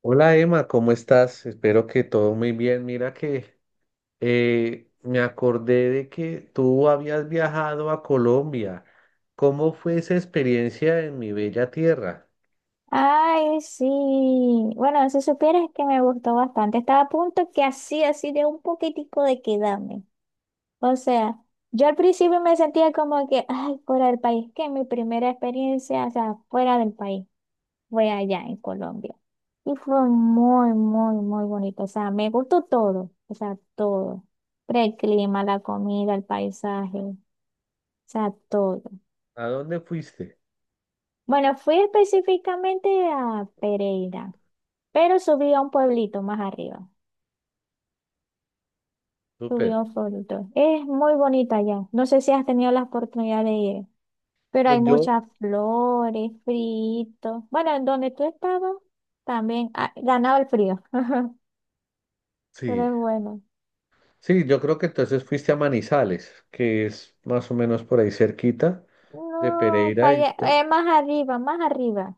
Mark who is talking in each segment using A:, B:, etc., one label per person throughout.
A: Hola Emma, ¿cómo estás? Espero que todo muy bien. Mira que me acordé de que tú habías viajado a Colombia. ¿Cómo fue esa experiencia en mi bella tierra?
B: Ay, sí. Bueno, si supieras que me gustó bastante. Estaba a punto que así, así de un poquitico de quedarme. O sea, yo al principio me sentía como que, ay, fuera del país, que mi primera experiencia, o sea, fuera del país, fue allá en Colombia. Y fue muy, muy, muy bonito. O sea, me gustó todo. O sea, todo. Pero el clima, la comida, el paisaje, o sea, todo.
A: ¿A dónde fuiste?
B: Bueno, fui específicamente a Pereira, pero subí a un pueblito más arriba.
A: Súper.
B: Subió fotos. Es muy bonita ya. No sé si has tenido la oportunidad de ir, pero
A: Pues
B: hay
A: yo,
B: muchas flores, fritos. Bueno, en donde tú estabas también ganaba el frío, pero
A: sí,
B: es bueno.
A: sí, yo creo que entonces fuiste a Manizales, que es más o menos por ahí cerquita de
B: No, para
A: Pereira y pues,
B: allá, más arriba, más arriba.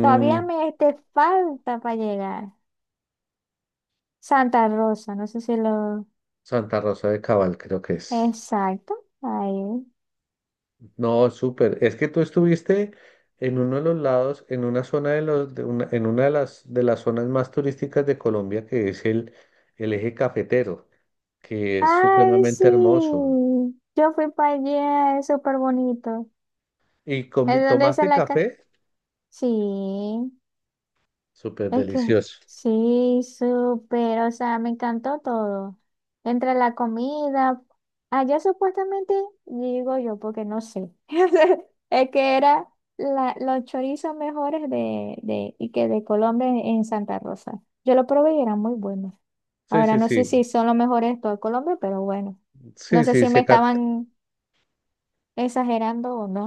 B: Todavía me te falta para llegar. Santa Rosa, no sé si lo...
A: Santa Rosa de Cabal, creo que es.
B: Exacto, ahí.
A: No, súper. Es que tú estuviste en uno de los lados, en una zona de los, de una, en una de las zonas más turísticas de Colombia, que es el eje cafetero, que es
B: Ay,
A: supremamente
B: sí.
A: hermoso.
B: Yo fui para allá, es súper bonito.
A: ¿Y
B: ¿Es donde dice
A: tomaste
B: la casa?
A: café?
B: Sí,
A: Súper
B: es que
A: delicioso.
B: sí, súper, o sea, me encantó todo. Entre la comida, allá supuestamente, digo yo, porque no sé, es que era los chorizos mejores de, y que de Colombia en Santa Rosa. Yo lo probé y eran muy buenos.
A: Sí,
B: Ahora
A: sí,
B: no sé
A: sí.
B: si son los mejores de todo Colombia, pero bueno, no
A: Sí,
B: sé
A: sí,
B: si
A: sí,
B: me
A: acá.
B: estaban exagerando o no.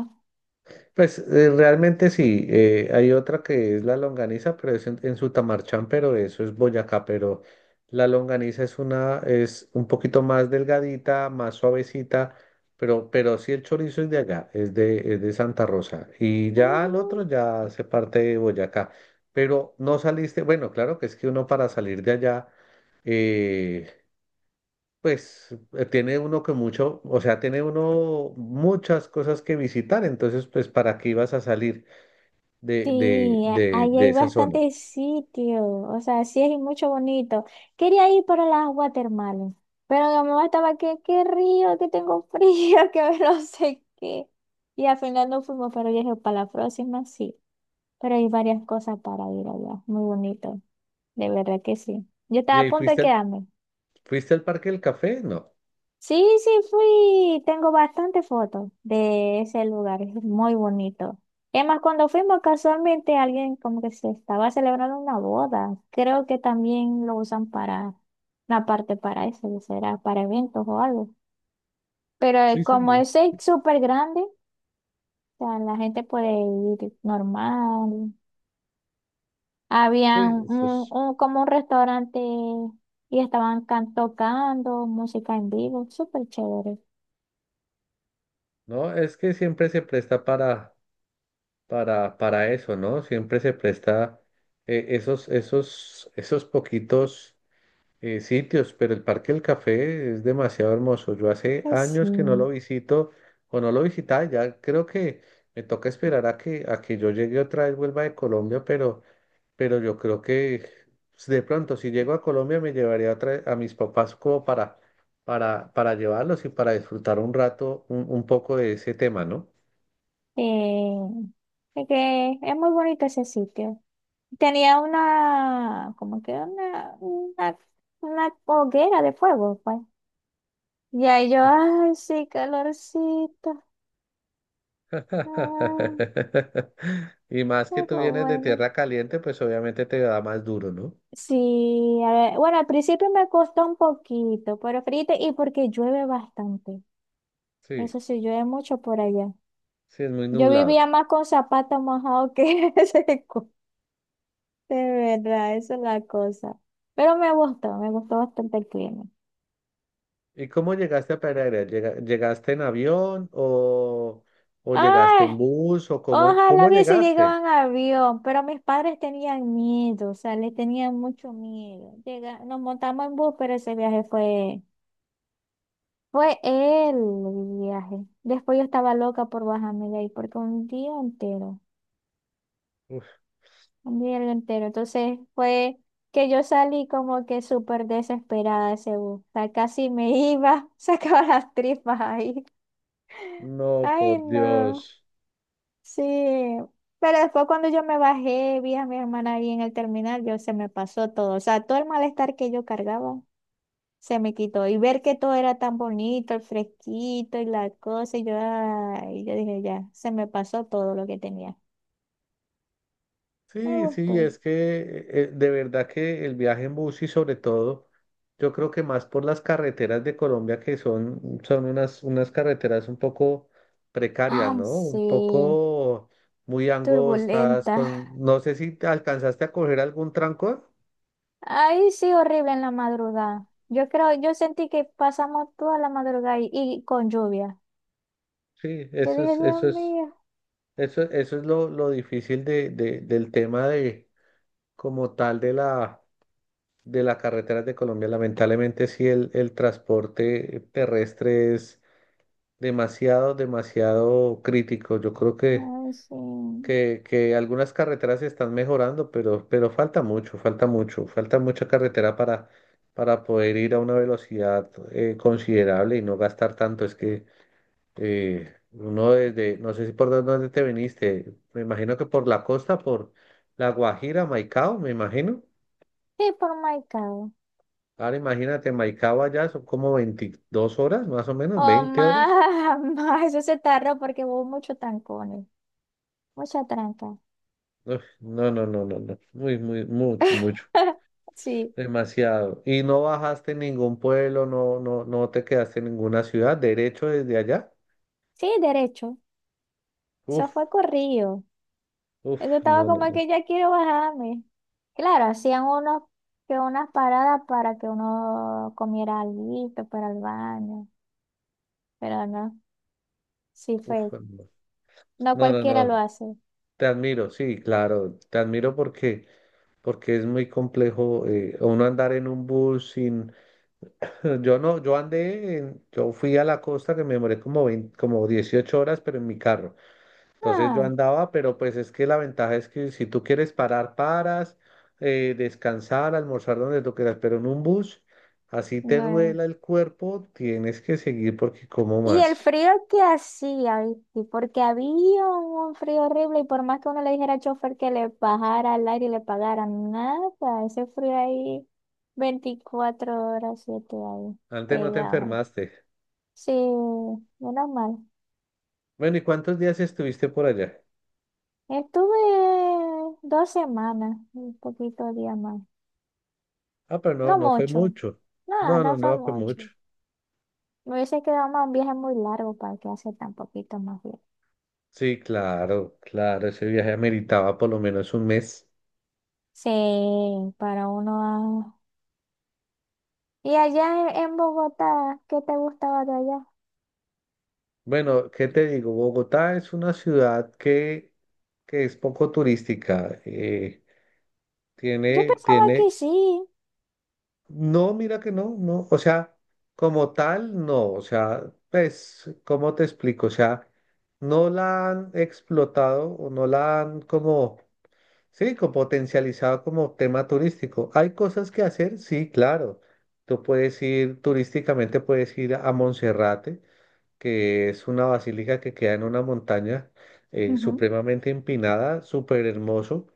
A: Pues realmente sí, hay otra que es la longaniza, pero es en Sutamarchán, pero eso es Boyacá, pero la longaniza es una, es un poquito más delgadita, más suavecita, pero sí el chorizo es de allá, es de Santa Rosa. Y ya
B: Ujú.
A: al otro ya se parte de Boyacá. Pero no saliste, bueno, claro que es que uno para salir de allá, eh, tiene uno que mucho, o sea, tiene uno muchas cosas que visitar, entonces, pues, ¿para qué ibas a salir
B: Sí, ahí
A: de
B: hay
A: esa zona?
B: bastantes sitios, o sea, sí hay mucho bonito. Quería ir para las watermelon, pero mi mamá estaba que, qué río, que tengo frío, que no sé qué. Y al final no fuimos, pero yo dije, para la próxima sí. Pero hay varias cosas para ir allá, muy bonito, de verdad que sí. Yo
A: ¿Y
B: estaba a
A: ahí
B: punto de quedarme.
A: fuiste al Parque del Café? No.
B: Sí, sí fui, tengo bastantes fotos de ese lugar, es muy bonito. Es más, cuando fuimos casualmente alguien como que se estaba celebrando una boda, creo que también lo usan para una parte para eso, que será para eventos o algo. Pero
A: Sí, sí,
B: como
A: no,
B: ese es súper grande, o sea, la gente puede ir normal.
A: sí,
B: Había
A: eso es.
B: como un restaurante y estaban tocando música en vivo, súper chévere.
A: No, es que siempre se presta para, para eso, ¿no? Siempre se presta esos, esos poquitos sitios, pero el Parque del Café es demasiado hermoso. Yo hace
B: Sí.
A: años que no lo visito o no lo visitaba, ya creo que me toca esperar a que yo llegue otra vez, vuelva de Colombia, pero yo creo que pues, de pronto si llego a Colombia me llevaría otra vez a mis papás como para, para llevarlos y para disfrutar un rato, un poco de ese tema, ¿no?
B: Eh, es que es muy bonito ese sitio. Tenía una, como que una hoguera de fuego, pues. Y ahí yo, ay, sí, calorcito. Ay,
A: Y más
B: qué
A: que tú vienes de
B: bueno.
A: tierra caliente, pues obviamente te da más duro, ¿no?
B: Sí, a ver, bueno, al principio me costó un poquito, pero fíjate, y porque llueve bastante.
A: Sí,
B: Eso sí, llueve mucho por allá.
A: sí, es muy
B: Yo
A: nublado.
B: vivía más con zapatos mojados que seco. De verdad, esa es la cosa. Pero me gustó bastante el clima.
A: ¿Y cómo llegaste a Pereira? Llegaste en avión o llegaste
B: ¡Ay!
A: en bus o cómo,
B: Ojalá
A: cómo
B: hubiese
A: llegaste?
B: llegado en avión, pero mis padres tenían miedo, o sea, le tenían mucho miedo. Nos montamos en bus, pero ese viaje fue el viaje. Después yo estaba loca por bajarme de ahí, porque un día entero,
A: Uf,
B: un día entero. Entonces fue que yo salí como que súper desesperada de ese bus. O sea, casi me iba, sacaba las tripas ahí.
A: no,
B: Ay,
A: por
B: no.
A: Dios.
B: Sí, pero después cuando yo me bajé, vi a mi hermana ahí en el terminal, yo se me pasó todo, o sea, todo el malestar que yo cargaba se me quitó y ver que todo era tan bonito, el fresquito y la cosa, y yo, ay, yo dije, ya, se me pasó todo lo que tenía. Me
A: Sí, sí,
B: gustó.
A: es que de verdad que el viaje en bus y sobre todo, yo creo que más por las carreteras de Colombia que son, son unas, unas carreteras un poco precarias,
B: Ay,
A: ¿no? Un
B: sí,
A: poco muy angostas,
B: turbulenta.
A: con, no sé si te alcanzaste a coger algún trancón.
B: Ay, sí, horrible en la madrugada. Yo creo, yo sentí que pasamos toda la madrugada y con lluvia.
A: Sí,
B: Yo
A: eso
B: dije,
A: es,
B: Dios
A: eso es.
B: mío,
A: Eso es lo difícil del tema de, como tal, de las carreteras de Colombia. Lamentablemente, sí, el transporte terrestre es demasiado, demasiado crítico. Yo creo
B: ay, sí.
A: que algunas carreteras se están mejorando, pero falta mucho, falta mucho, falta mucha carretera para poder ir a una velocidad considerable y no gastar tanto. Es que uno desde, no sé si por dónde dónde te viniste, me imagino que por la costa, por La Guajira, Maicao, me imagino.
B: Sí, por my God.
A: Ahora imagínate, Maicao allá son como 22 horas, más o menos,
B: Oh,
A: 20 horas.
B: más, más, eso se tarda porque hubo mucho tancones mucha tranca.
A: Uf, no, no, no, no, no, muy, muy, mucho, mucho,
B: Sí,
A: demasiado. Y no bajaste en ningún pueblo, no, no, no te quedaste en ninguna ciudad, derecho desde allá.
B: sí, derecho. Eso
A: Uf,
B: fue corrido.
A: uf,
B: Eso estaba
A: no, no,
B: como
A: no,
B: que ya quiero bajarme. Claro, hacían unos, que unas paradas para que uno comiera algo para el baño, pero no, sí
A: uf,
B: fue.
A: no,
B: No
A: no, no,
B: cualquiera lo
A: no,
B: hace.
A: te admiro, sí, claro, te admiro porque... porque es muy complejo uno andar en un bus sin... Yo no, yo andé, yo fui a la costa que me demoré como 20 como 18 horas, pero en mi carro. Entonces yo
B: Ah,
A: andaba, pero pues es que la ventaja es que si tú quieres parar, paras, descansar, almorzar donde tú quieras, pero en un bus, así te
B: no.
A: duela el cuerpo, tienes que seguir porque como
B: Y el
A: más.
B: frío que hacía, ¿viste? Porque había un frío horrible y por más que uno le dijera al chofer que le bajara al aire y le pagara, nada, ese frío ahí 24 horas, 7 ahí,
A: Antes no te
B: pegado.
A: enfermaste.
B: Sí, menos mal.
A: Bueno, ¿y cuántos días estuviste por allá?
B: Estuve 2 semanas, un poquito de día más.
A: Ah, pero no,
B: No
A: no fue
B: mucho,
A: mucho. No, no,
B: nada, fue
A: no fue mucho.
B: mucho. Me hubiese quedado más un viaje muy largo para que hace tan poquito más bien.
A: Sí, claro, claro, ese viaje ameritaba por lo menos un mes.
B: Sí, para uno y allá en Bogotá, ¿qué te gustaba de allá?
A: Bueno, ¿qué te digo? Bogotá es una ciudad que es poco turística.
B: Yo pensaba que
A: Tiene,
B: sí.
A: no, mira que no, no, o sea, como tal, no, o sea, pues, ¿cómo te explico? O sea, no la han explotado o no la han como. Sí, como potencializado como tema turístico. Hay cosas que hacer, sí, claro. Tú puedes ir turísticamente, puedes ir a Monserrate, que es una basílica que queda en una montaña
B: Ujú.
A: supremamente empinada, súper hermoso.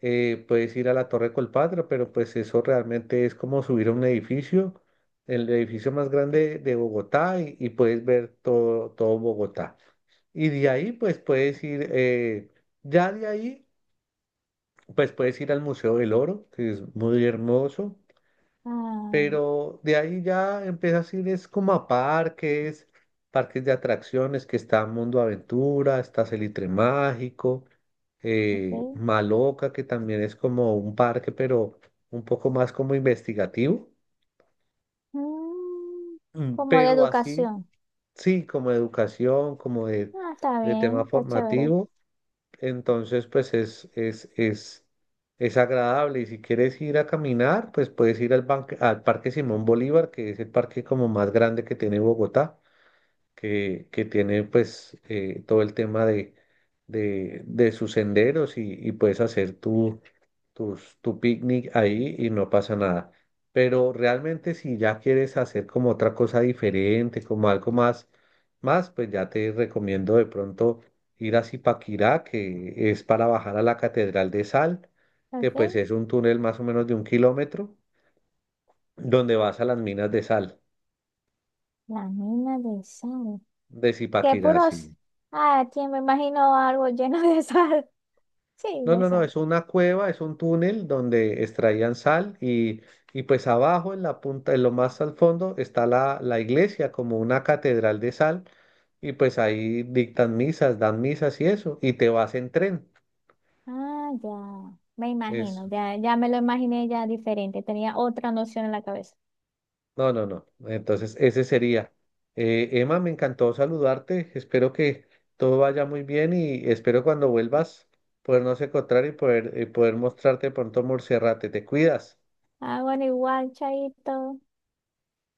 A: Puedes ir a la Torre Colpatria, pero pues eso realmente es como subir a un edificio, el edificio más grande de Bogotá y puedes ver todo, todo Bogotá. Y de ahí pues puedes ir, ya de ahí. Pues puedes ir al Museo del Oro, que es muy hermoso,
B: Ah,
A: pero de ahí ya empiezas a ir es como a parques, parques de atracciones, que está Mundo Aventura, está Salitre Mágico,
B: ok.
A: Maloca, que también es como un parque, pero un poco más como investigativo.
B: Mm,
A: Mm,
B: como de
A: pero así,
B: educación.
A: sí, como educación, como
B: Ah, está
A: de
B: bien,
A: tema
B: está chévere.
A: formativo. Entonces, pues es agradable. Y si quieres ir a caminar, pues puedes ir al Parque Simón Bolívar, que es el parque como más grande que tiene Bogotá, que tiene pues todo el tema de sus senderos y puedes hacer tu picnic ahí y no pasa nada. Pero realmente si ya quieres hacer como otra cosa diferente, como algo más, más, pues ya te recomiendo de pronto ir a Zipaquirá, que es para bajar a la Catedral de Sal, que
B: Ok.
A: pues es un túnel más o menos de 1 kilómetro, donde vas a las minas de sal
B: La mina de sal.
A: de
B: Qué
A: Zipaquirá,
B: puros.
A: sí.
B: Ah, tío, me imagino algo lleno de sal. Sí,
A: No,
B: de
A: no, no,
B: sal.
A: es una cueva, es un túnel donde extraían sal y pues abajo en la punta, en lo más al fondo, está la iglesia como una catedral de sal y pues ahí dictan misas, dan misas y eso, y te vas en tren.
B: Ah, ya. Me
A: Eso.
B: imagino, ya, ya me lo imaginé ya diferente. Tenía otra noción en la cabeza.
A: No, no, no. Entonces, ese sería. Emma, me encantó saludarte. Espero que todo vaya muy bien y espero cuando vuelvas podernos encontrar y poder mostrarte pronto Morserrate. Te cuidas.
B: Ah, bueno, igual, chaito.